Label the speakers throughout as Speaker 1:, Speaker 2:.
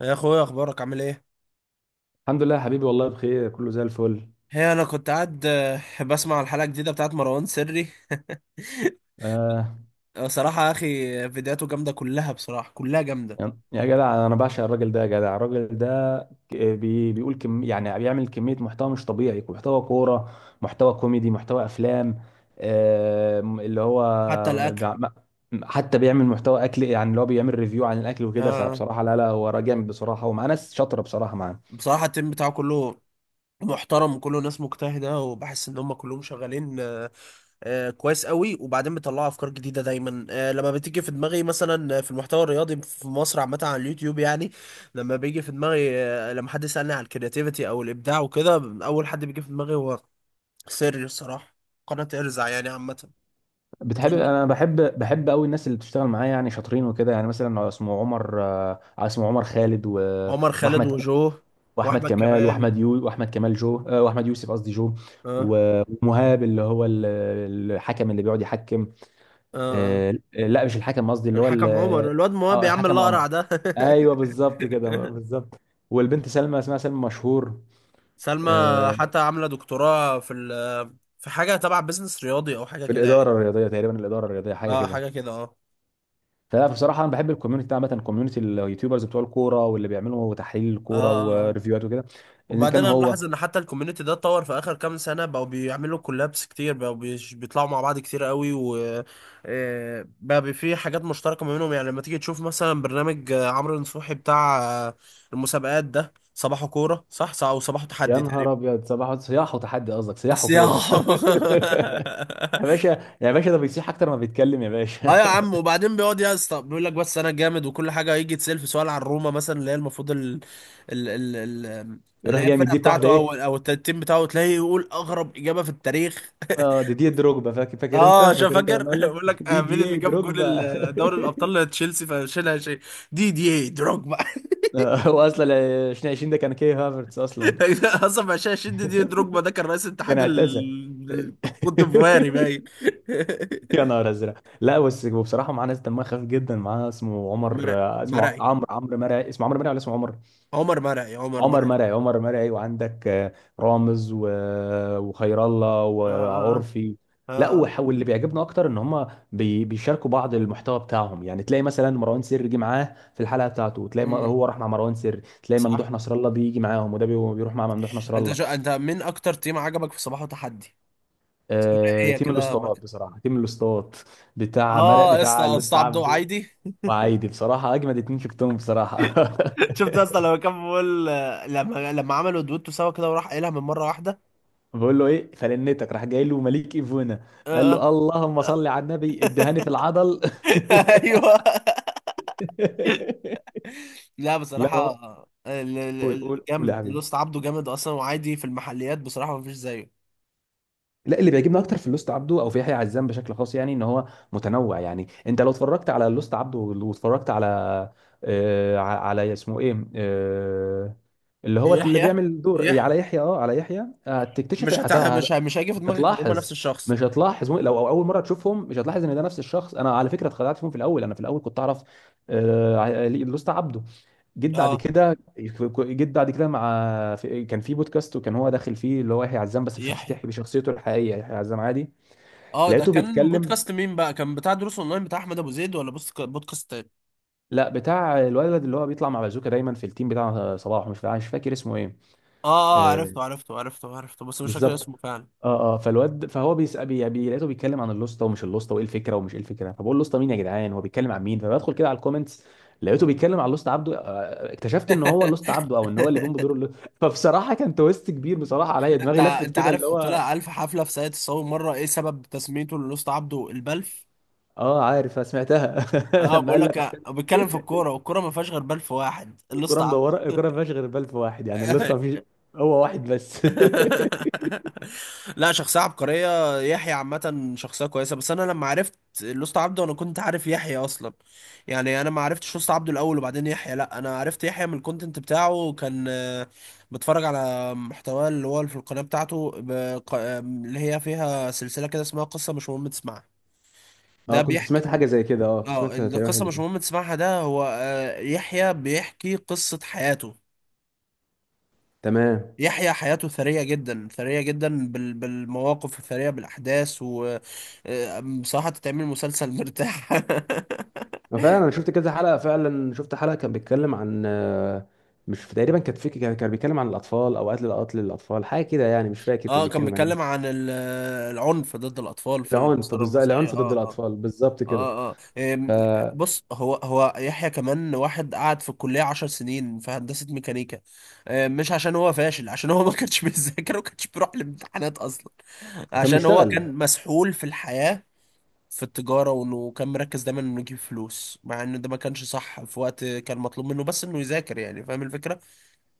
Speaker 1: يا اخويا، اخبارك عامل ايه؟
Speaker 2: الحمد لله يا حبيبي، والله بخير، كله زي الفل.
Speaker 1: هي انا كنت قاعد بسمع الحلقه الجديده بتاعت مروان سري.
Speaker 2: آه،
Speaker 1: صراحه يا اخي، فيديوهاته جامده كلها، بصراحه كلها جامده.
Speaker 2: يا جدع انا بعشق الراجل ده. يا جدع، الراجل ده ك- بي بيقول كم، يعني بيعمل كمية محتوى مش طبيعي: محتوى كورة، محتوى كوميدي، محتوى افلام. آه اللي هو
Speaker 1: حتى الاكل.
Speaker 2: بيع- ما- حتى بيعمل محتوى اكل، يعني اللي هو بيعمل ريفيو عن الاكل
Speaker 1: آه،
Speaker 2: وكده.
Speaker 1: آه.
Speaker 2: فبصراحة لا لا، هو راجل جامد بصراحة، ومعاه ناس شاطرة بصراحة معاه.
Speaker 1: بصراحه التيم بتاعه كله محترم، وكله ناس مجتهده، وبحس ان هم كلهم شغالين. كويس قوي، وبعدين بيطلعوا افكار جديده دايما. لما بتيجي في دماغي مثلا في المحتوى الرياضي في مصر عامه على اليوتيوب يعني، لما بيجي في دماغي، لما حد يسالني على الكرياتيفيتي او الابداع وكده، اول حد بيجي في دماغي هو سر الصراحة، قناة ارزع يعني عامة. إن
Speaker 2: انا بحب بحب قوي الناس اللي بتشتغل معايا، يعني شاطرين وكده. يعني مثلا اسمه عمر، اسمه عمر خالد،
Speaker 1: عمر خالد
Speaker 2: واحمد
Speaker 1: وجو
Speaker 2: واحمد
Speaker 1: وأحمد
Speaker 2: كمال،
Speaker 1: كمال.
Speaker 2: واحمد كمال جو، واحمد يوسف قصدي جو.
Speaker 1: اه
Speaker 2: ومهاب، اللي هو الحكم، اللي بيقعد يحكم.
Speaker 1: اه اه.
Speaker 2: لا مش الحكم قصدي، اللي هو
Speaker 1: الحكم عمر، الواد مواب
Speaker 2: اه
Speaker 1: يا عم
Speaker 2: الحكم عمر.
Speaker 1: الأقرع ده.
Speaker 2: ايوه بالظبط كده، بالظبط. والبنت سلمى، اسمها سلمى مشهور.
Speaker 1: سلمى.
Speaker 2: آه،
Speaker 1: حتى عاملة دكتوراه في في حاجة تبع بيزنس رياضي، أو حاجة
Speaker 2: في
Speaker 1: كده يعني.
Speaker 2: الاداره الرياضيه تقريبا، الاداره الرياضيه حاجه
Speaker 1: اه،
Speaker 2: كده.
Speaker 1: حاجة كده. اه
Speaker 2: فلا بصراحه انا بحب الكوميونتي ده عامه، كوميونتي اليوتيوبرز بتوع الكوره، واللي بيعملوا تحليل
Speaker 1: اه
Speaker 2: الكوره
Speaker 1: اه آه.
Speaker 2: وريفيوهات وكده. ان
Speaker 1: وبعدين
Speaker 2: كان
Speaker 1: انا
Speaker 2: هو.
Speaker 1: ملاحظ ان حتى الكوميونتي ده اتطور في اخر كام سنه، بقوا بيعملوا كولابس كتير، بقوا بيطلعوا مع بعض كتير قوي، و بقى في حاجات مشتركه ما بينهم، يعني لما تيجي تشوف مثلا برنامج عمرو نصوحي بتاع آه، المسابقات ده، صباحه كوره صح صح، وصباحه
Speaker 2: يا
Speaker 1: تحدي تقريبا.
Speaker 2: نهار ابيض، صباح صياح وتحدي قصدك، صياح
Speaker 1: بس يا.
Speaker 2: وكوره يا باشا، يا باشا ده بيصيح اكتر ما بيتكلم، يا
Speaker 1: اه
Speaker 2: باشا.
Speaker 1: يا عم، وبعدين بيقعد يا اسطى بيقول لك بس انا جامد، وكل حاجه يجي يتسال في سؤال عن روما مثلا، اللي هي المفروض ال... ال... ال... اللي
Speaker 2: يروح
Speaker 1: هي
Speaker 2: جاي
Speaker 1: الفرقه
Speaker 2: مديك واحده
Speaker 1: بتاعته، او
Speaker 2: ايه.
Speaker 1: او التيم بتاعه، تلاقيه يقول اغرب اجابه في التاريخ.
Speaker 2: اه، دي دروجبا. فاكر فاكر، انت
Speaker 1: اه، شو
Speaker 2: فاكر، انت
Speaker 1: فاكر؟
Speaker 2: لما قال لك
Speaker 1: بقول لك
Speaker 2: دي
Speaker 1: مين
Speaker 2: دي
Speaker 1: اللي
Speaker 2: ايه
Speaker 1: جاب جول
Speaker 2: دروجبا.
Speaker 1: دوري الابطال لتشيلسي فشيلها شيء؟ دي ايه دروجبا.
Speaker 2: هو اصلا 2020 ده كان كي هافرتس اصلا،
Speaker 1: اصلا ما شيء. دي إيه دروجبا ده كان رئيس
Speaker 2: كان
Speaker 1: اتحاد
Speaker 2: اعتزل.
Speaker 1: الكوتيفواري باين.
Speaker 2: يا نهار ازرق. لا بس بصراحه معاه ناس دمها خفيف جدا. معاه اسمه عمر،
Speaker 1: مرعي
Speaker 2: اسمه
Speaker 1: مرعي،
Speaker 2: عمرو مرعي، اسمه عمرو مرعي ولا اسمه عمر.
Speaker 1: عمر مرعي، عمر
Speaker 2: عمر
Speaker 1: مرعي.
Speaker 2: مرعي، عمر مرعي. وعندك رامز، وخير الله
Speaker 1: اه اه
Speaker 2: وعرفي.
Speaker 1: اه
Speaker 2: لا
Speaker 1: اه آه.
Speaker 2: وح- واللي بيعجبنا اكتر ان هم بيشاركوا بعض المحتوى بتاعهم، يعني تلاقي مثلا مروان سري جه معاه في الحلقه بتاعته، وتلاقي
Speaker 1: مم.
Speaker 2: هو راح مع مروان سري، تلاقي
Speaker 1: صح.
Speaker 2: ممدوح نصر الله بيجي معاهم، وده بيروح مع ممدوح نصر الله.
Speaker 1: انت مين اكتر تيم عجبك في صباح وتحدي؟ ثنائيه
Speaker 2: تيم
Speaker 1: كده ما.
Speaker 2: الاسطوات بصراحه، تيم الاسطوات بتاع مرق،
Speaker 1: اه يا
Speaker 2: بتاع
Speaker 1: اسطى، اسطى
Speaker 2: الاسطى
Speaker 1: عبده
Speaker 2: عبده
Speaker 1: وعايدي.
Speaker 2: وعايدي، بصراحه اجمد اتنين شفتهم بصراحه.
Speaker 1: شفت يا اسطى لما كان بيقول؟ لما عملوا دويتو سوا كده وراح قايلها من مره واحده.
Speaker 2: بقول له ايه فلنتك، راح جاي له مليك ايفونا، قال
Speaker 1: اه.
Speaker 2: له اللهم صل على النبي، ادهاني في العضل.
Speaker 1: ايوه. لا
Speaker 2: لا.
Speaker 1: بصراحه،
Speaker 2: قول قول قول يا
Speaker 1: جامد.
Speaker 2: حبيبي.
Speaker 1: لوست عبده جامد اصلا، وعايدي في المحليات بصراحه ما فيش زيه.
Speaker 2: لا، اللي بيعجبني اكتر في اللوست عبده او في يحيى عزام بشكل خاص، يعني ان هو متنوع. يعني انت لو اتفرجت على اللوست عبده واتفرجت على على اسمه ايه، اللي هو اللي
Speaker 1: يحيى
Speaker 2: بيعمل دور
Speaker 1: يحيى
Speaker 2: على يحيى، اه على يحيى، هتكتشف
Speaker 1: مش هتع... مش ه... مش هيجي في
Speaker 2: مش
Speaker 1: دماغك ان هم نفس
Speaker 2: هتلاحظ
Speaker 1: الشخص.
Speaker 2: مش هتلاحظ لو أو اول مره تشوفهم، مش هتلاحظ ان ده نفس الشخص. انا على فكره اتخدعت فيهم في الاول. انا في الاول كنت اعرف لوست عبده، جيت بعد
Speaker 1: اه،
Speaker 2: كده جيت بعد كده مع كان في بودكاست وكان هو داخل فيه اللي هو يحيى عزام، بس
Speaker 1: يحيى.
Speaker 2: بشخصيته، بشخصيته الحقيقيه يحيى عزام عادي.
Speaker 1: اه، ده
Speaker 2: لقيته
Speaker 1: كان
Speaker 2: بيتكلم.
Speaker 1: بودكاست مين بقى؟ كان بتاع دروس اونلاين بتاع احمد ابو زيد، ولا بودكاست تاني؟
Speaker 2: لا بتاع الولد اللي هو بيطلع مع بازوكا دايما في التيم بتاع صلاح، مش فاكر اسمه ايه.
Speaker 1: اه اه،
Speaker 2: آه.
Speaker 1: عرفته عرفته عرفته عرفته، بس مش فاكر
Speaker 2: بالظبط.
Speaker 1: اسمه فعلا.
Speaker 2: اه اه، فالواد، فهو بيسأل لقيته بيتكلم عن اللوسته ومش اللوسته، وايه الفكره ومش ايه الفكره، فبقول اللوسته مين يا جدعان، هو بيتكلم عن مين. فبدخل كده على الكومنتس، لقيته بيتكلم عن لوست عبده. اكتشفت ان هو لوست عبده، او ان هو اللي بيقوم بدور اللوست. فبصراحه كان تويست كبير بصراحه عليا،
Speaker 1: انت
Speaker 2: دماغي لفت
Speaker 1: انت
Speaker 2: كده اللي
Speaker 1: عارف؟
Speaker 2: هو.
Speaker 1: طلع الف حفله في ساقية الصاوي مره. ايه سبب تسميته للوسط عبده البلف؟
Speaker 2: اه عارف، سمعتها.
Speaker 1: اه،
Speaker 2: لما
Speaker 1: بقول
Speaker 2: قال لك
Speaker 1: لك بيتكلم في الكوره، والكوره ما فيهاش غير بلف واحد، اللوست
Speaker 2: الكرة
Speaker 1: عبده.
Speaker 2: مدورة، الكرة ما فيهاش غير بلف واحد، يعني الليسته ما فيش، هو واحد بس.
Speaker 1: لا، شخصية عبقرية، يحيى عامة شخصية كويسة. بس أنا لما عرفت لوست عبده أنا كنت عارف يحيى أصلا. يعني أنا ما عرفتش لوست عبده الأول وبعدين يحيى، لا، أنا عرفت يحيى من الكونتنت بتاعه، كان بتفرج على محتواه اللي هو في القناة بتاعته، اللي هي فيها سلسلة كده اسمها قصة مش مهم تسمعها.
Speaker 2: اه
Speaker 1: ده
Speaker 2: كنت
Speaker 1: بيحكي.
Speaker 2: سمعت حاجة زي كده، اه كنت
Speaker 1: اه،
Speaker 2: سمعت تقريبا حاجة
Speaker 1: القصة
Speaker 2: زي
Speaker 1: مش
Speaker 2: كده.
Speaker 1: مهم تسمعها، ده هو يحيى بيحكي قصة حياته.
Speaker 2: تمام.
Speaker 1: يحيى حياته ثرية جدا، ثرية جدا بالمواقف الثرية، بالأحداث، و بصراحة تتعمل مسلسل مرتاح.
Speaker 2: وفعلا انا شفت كذا حلقة، فعلا شفت حلقة كان بيتكلم عن مش تقريبا كانت فيك، كان بيتكلم عن الاطفال، او قتل قتل الاطفال، حاجة كده يعني، مش فاكر كان
Speaker 1: اه، كان
Speaker 2: بيتكلم عن
Speaker 1: بيتكلم
Speaker 2: ايه.
Speaker 1: عن العنف ضد الأطفال في
Speaker 2: العنف
Speaker 1: الأسرة
Speaker 2: بالظبط،
Speaker 1: المصرية.
Speaker 2: العنف
Speaker 1: اه
Speaker 2: ضد
Speaker 1: اه،
Speaker 2: الاطفال بالظبط كده.
Speaker 1: اه اه.
Speaker 2: ف...
Speaker 1: بص، هو هو يحيى كمان واحد قعد في الكلية 10 سنين في هندسة ميكانيكا. مش عشان هو فاشل، عشان هو ما كانش بيذاكر، وما كانش بيروح الامتحانات أصلا.
Speaker 2: وكان
Speaker 1: عشان هو
Speaker 2: بيشتغل
Speaker 1: كان مسحول في الحياة، في التجارة، وانه كان مركز دايما انه يجيب فلوس، مع انه ده ما كانش صح في وقت كان مطلوب منه بس انه يذاكر، يعني فاهم الفكرة.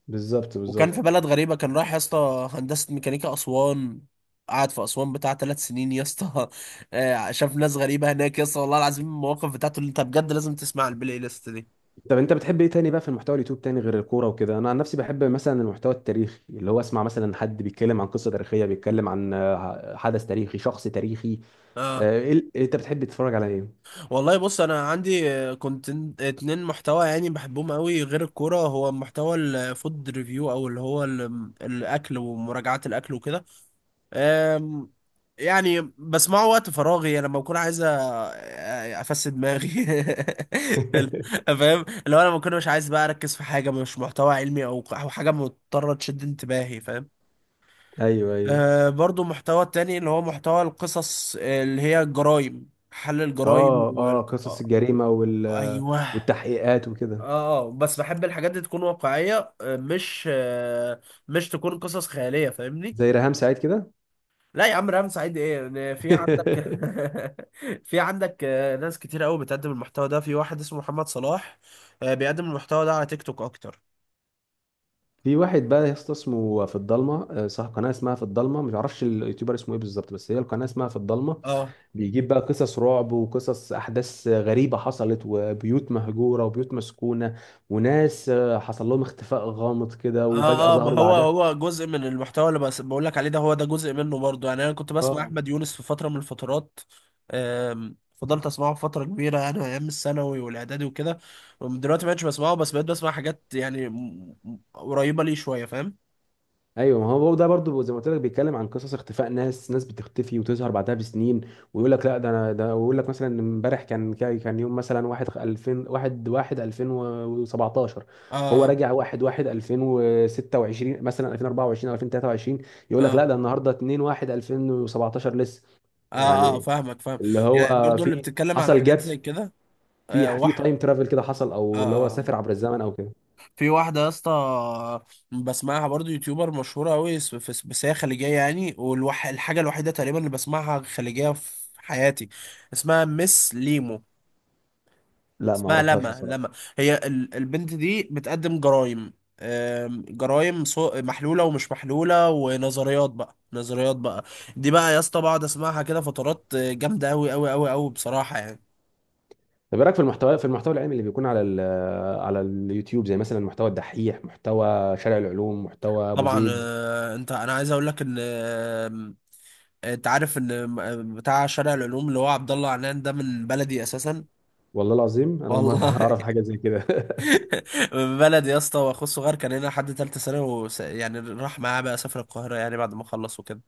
Speaker 2: بالظبط
Speaker 1: وكان
Speaker 2: بالظبط.
Speaker 1: في بلد غريبة، كان رايح يا اسطى هندسة ميكانيكا أسوان. قعد في أسوان بتاع 3 سنين يا اسطى. شاف ناس غريبة هناك يا اسطى، والله العظيم المواقف بتاعته اللي انت بجد لازم تسمع البلاي ليست دي.
Speaker 2: طب انت بتحب ايه تاني بقى في المحتوى اليوتيوب تاني غير الكوره وكده؟ انا عن نفسي بحب مثلا المحتوى التاريخي، اللي هو اسمع مثلا حد بيتكلم عن قصه تاريخيه، بيتكلم عن حدث تاريخي، شخص تاريخي.
Speaker 1: اه،
Speaker 2: إيه، انت بتحب تتفرج على ايه؟
Speaker 1: والله بص، انا عندي كنت اتنين محتوى يعني بحبهم قوي غير الكوره، هو محتوى الفود ريفيو، او اللي هو الاكل ومراجعات الاكل وكده. أم، يعني بسمعه وقت فراغي، يعني لما بكون عايز افسد دماغي. ال- فاهم اللي هو لما بكون مش عايز بقى اركز في حاجه، مش محتوى علمي او حاجه مضطره تشد انتباهي، فاهم.
Speaker 2: ايوه ايوه.
Speaker 1: أه، برضو محتوى تاني اللي هو محتوى القصص، اللي هي الجرايم، حل الجرايم
Speaker 2: اه اه،
Speaker 1: وال...
Speaker 2: قصص
Speaker 1: آه،
Speaker 2: الجريمه،
Speaker 1: ايوه.
Speaker 2: والتحقيقات وكده.
Speaker 1: اه، بس بحب الحاجات دي تكون واقعيه، مش تكون قصص خياليه، فاهمني.
Speaker 2: زي ريهام سعيد كده.
Speaker 1: لا يا عم، ريهام سعيد ايه؟ إن في عندك. في عندك ناس كتير قوي بتقدم المحتوى ده. في واحد اسمه محمد صلاح، بيقدم المحتوى ده على تيك توك اكتر.
Speaker 2: في واحد بقى يا اسطى اسمه في الضلمه، صاحب قناه اسمها في الضلمه، مش عارفش اليوتيوبر اسمه ايه بالظبط، بس هي القناه اسمها في الضلمه.
Speaker 1: اه
Speaker 2: بيجيب بقى قصص رعب وقصص احداث غريبه حصلت، وبيوت مهجوره وبيوت مسكونه، وناس حصل لهم اختفاء غامض كده، وفجاه
Speaker 1: اه اه، ما
Speaker 2: ظهروا
Speaker 1: هو
Speaker 2: بعدها.
Speaker 1: هو جزء من المحتوى اللي بس بقول لك عليه ده، هو ده جزء منه برضه، يعني انا كنت بسمع
Speaker 2: اه
Speaker 1: احمد يونس في فتره من الفترات. فضلت اسمعه فتره كبيره، يعني ايام الثانوي والاعدادي وكده. دلوقتي ما بقتش بسمعه، بس بقيت بسمع حاجات يعني قريبه ليه شويه، فاهم.
Speaker 2: ايوه، ما هو ده برضو زي ما قلت لك، بيتكلم عن قصص اختفاء ناس بتختفي وتظهر بعدها بسنين، ويقول لك لا ده انا ده، ويقول لك مثلا إن امبارح كان يوم مثلا 1 2000 1 1 2017، هو
Speaker 1: اه
Speaker 2: راجع 1 1 2026 مثلا، 2024 او 2023، يقول لك لا
Speaker 1: اه
Speaker 2: ده النهارده 2 1 2017 لسه،
Speaker 1: اه اه،
Speaker 2: يعني
Speaker 1: فاهمك فاهم.
Speaker 2: اللي
Speaker 1: يعني
Speaker 2: هو
Speaker 1: برضو اللي
Speaker 2: في
Speaker 1: بتتكلم على
Speaker 2: حصل جاب،
Speaker 1: حاجات زي كده، آه،
Speaker 2: في في
Speaker 1: واحد،
Speaker 2: تايم ترافل كده حصل،
Speaker 1: آه
Speaker 2: او اللي هو
Speaker 1: آه.
Speaker 2: سافر عبر الزمن او كده.
Speaker 1: في واحدة يا اسطى بسمعها برضو، يوتيوبر مشهورة أوي، بس هي خليجية يعني، والحاجة الوحيدة تقريبا اللي بسمعها خليجية في حياتي، اسمها مس ليمو،
Speaker 2: لا ما
Speaker 1: اسمها
Speaker 2: اعرفهاش
Speaker 1: لما،
Speaker 2: بصراحه.
Speaker 1: لما. هي البنت دي بتقدم جرايم، جرايم محلولة ومش محلولة، ونظريات بقى، نظريات بقى. دي بقى يا اسطى بقعد اسمعها كده فترات جامدة أوي أوي أوي أوي، بصراحة يعني.
Speaker 2: طب ايه رايك في المحتوى، في المحتوى العلمي اللي بيكون على على اليوتيوب، زي مثلا محتوى الدحيح، محتوى شارع العلوم، محتوى ابو
Speaker 1: طبعا.
Speaker 2: زيد؟
Speaker 1: آه، انت انا عايز اقول لك ان انت عارف ان بتاع شارع العلوم اللي هو عبد الله عنان ده من بلدي اساسا.
Speaker 2: والله العظيم انا اول مره
Speaker 1: والله.
Speaker 2: اعرف حاجه زي كده.
Speaker 1: من بلدي يا اسطى، واخوه الصغير كان هنا لحد ثالثه ثانوي، يعني راح معاه بقى، سافر القاهره يعني بعد ما خلص وكده.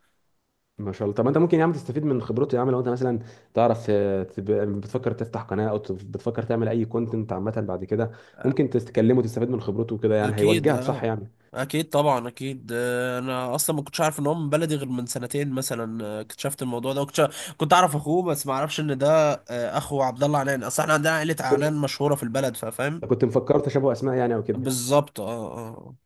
Speaker 2: ما شاء الله. طب ما انت ممكن يا عم تستفيد من خبرته يا عم، لو انت مثلا تعرف، بتفكر تفتح قناه، او بتفكر تعمل اي كونتنت عامه بعد كده،
Speaker 1: آه،
Speaker 2: ممكن تتكلمه وتستفيد من خبرته وكده، يعني
Speaker 1: اكيد
Speaker 2: هيوجهك صح
Speaker 1: اه،
Speaker 2: يعني.
Speaker 1: اكيد طبعا اكيد. انا اصلا ما كنتش عارف ان هو من بلدي غير من سنتين مثلا، اكتشفت الموضوع ده، وكنت اعرف اخوه، بس ما اعرفش ان ده اخو عبد الله عنان. اصل احنا عندنا عائله
Speaker 2: كنت،
Speaker 1: عنان مشهوره في البلد، فاهم.
Speaker 2: كنت مفكر تشابه اسماء يعني او كده.
Speaker 1: بالظبط اه اه.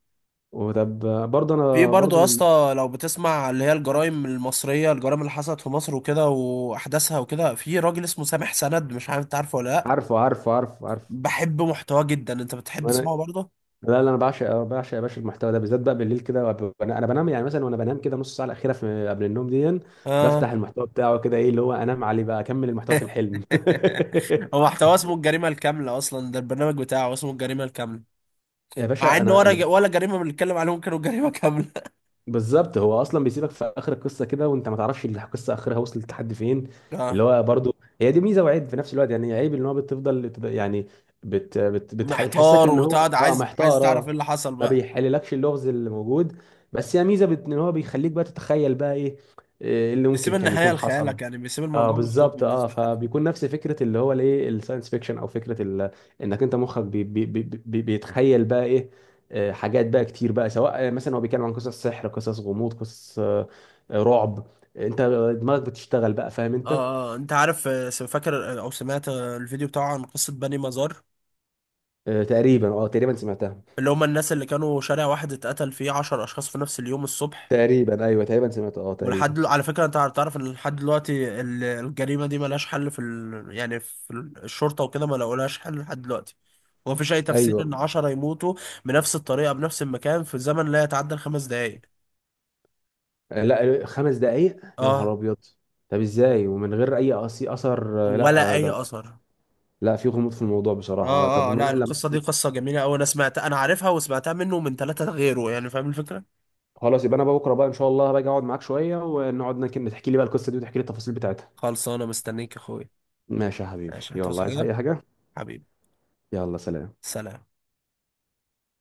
Speaker 2: وطب برضه،
Speaker 1: في
Speaker 2: انا
Speaker 1: برضه
Speaker 2: برضه
Speaker 1: يا
Speaker 2: من.
Speaker 1: اسطى لو بتسمع اللي هي الجرائم المصرية، الجرائم اللي حصلت في مصر وكده وأحداثها وكده، في راجل اسمه سامح سند، مش عارف انت عارفه ولا لأ؟
Speaker 2: عارفه عارفه عارفه عارفه.
Speaker 1: بحب محتواه جدا. انت بتحب
Speaker 2: وانا
Speaker 1: تسمعه برضه؟
Speaker 2: لا لا، انا بعشق بعشق يا باشا المحتوى ده بالذات بقى بالليل كده، انا أنا بنام يعني مثلا، وانا بنام كده نص ساعه الاخيره في قبل النوم دي،
Speaker 1: اه.
Speaker 2: بفتح المحتوى بتاعه كده ايه اللي هو انام عليه بقى، اكمل المحتوى في الحلم.
Speaker 1: هو محتواه اسمه الجريمة الكاملة أصلا، ده البرنامج بتاعه اسمه الجريمة الكاملة.
Speaker 2: يا
Speaker 1: مع
Speaker 2: باشا
Speaker 1: إن
Speaker 2: انا
Speaker 1: ولا ج-
Speaker 2: اللي.
Speaker 1: ولا جريمة بنتكلم عليهم كانوا جريمة كاملة.
Speaker 2: بالظبط، هو اصلا بيسيبك في اخر القصه كده، وانت ما تعرفش القصه اخرها وصلت لحد فين. اللي
Speaker 1: اه،
Speaker 2: هو برضو هي دي ميزه وعيب في نفس الوقت، يعني عيب ان هو يعني بتحسسك
Speaker 1: محتار
Speaker 2: ان هو
Speaker 1: وتقعد
Speaker 2: اه
Speaker 1: عايز
Speaker 2: محتار
Speaker 1: تعرف ايه
Speaker 2: اه.
Speaker 1: اللي حصل
Speaker 2: ما
Speaker 1: بقى.
Speaker 2: بيحللكش اللغز اللي موجود. بس هي ميزه ان هو بيخليك بقى تتخيل بقى ايه، إيه اللي
Speaker 1: بيسيب
Speaker 2: ممكن كان
Speaker 1: النهاية
Speaker 2: يكون حصل.
Speaker 1: لخيالك، يعني بيسيب
Speaker 2: اه
Speaker 1: الموضوع مفتوح
Speaker 2: بالظبط، اه.
Speaker 1: بالنسبة لك.
Speaker 2: فبيكون نفس فكره اللي هو الايه الساينس فيكشن، او فكره انك انت مخك بيتخيل بقى ايه. حاجات بقى كتير بقى، سواء مثلا هو بيتكلم عن قصص سحر، قصص غموض، قصص رعب. انت دماغك بتشتغل بقى، فاهم
Speaker 1: اه.
Speaker 2: انت.
Speaker 1: انت عارف، فاكر او سمعت الفيديو بتاعه عن قصة بني مزار؟
Speaker 2: تقريبا اه تقريبا سمعتها.
Speaker 1: اللي هم الناس اللي كانوا شارع واحد اتقتل فيه 10 اشخاص في نفس اليوم الصبح.
Speaker 2: تقريبا ايوه تقريبا سمعتها، اه تقريبا.
Speaker 1: على فكرة، انت تعرف ان لحد دلوقتي الجريمة دي ملهاش حل في يعني في الشرطة وكده ما لقولهاش حل لحد دلوقتي. ومفيش اي تفسير
Speaker 2: ايوه.
Speaker 1: ان 10 يموتوا بنفس الطريقة، بنفس المكان، في زمن لا يتعدى الخمس دقايق.
Speaker 2: لا، خمس دقائق؟ يا نهار
Speaker 1: اه،
Speaker 2: ابيض. طب ازاي ومن غير اي اثر؟ لا
Speaker 1: ولا اي
Speaker 2: ده.
Speaker 1: اثر.
Speaker 2: لا في غموض في الموضوع بصراحه. طب
Speaker 1: اه اه، لا، القصة دي قصة جميلة اوي، انا سمعتها، انا عارفها، وسمعتها منه ومن 3 غيره، يعني فاهم الفكرة.
Speaker 2: خلاص، يبقى انا بقى بكره بقى ان شاء الله باجي اقعد معاك شويه، ونقعد تحكي لي بقى القصه دي، وتحكي لي التفاصيل بتاعتها.
Speaker 1: خلص، انا مستنيك يا اخويا.
Speaker 2: ماشي يا حبيبي،
Speaker 1: ماشي، هتعوز
Speaker 2: يلا عايز اي
Speaker 1: حاجة
Speaker 2: حاجه؟
Speaker 1: حبيبي؟
Speaker 2: يلا سلام.
Speaker 1: سلام.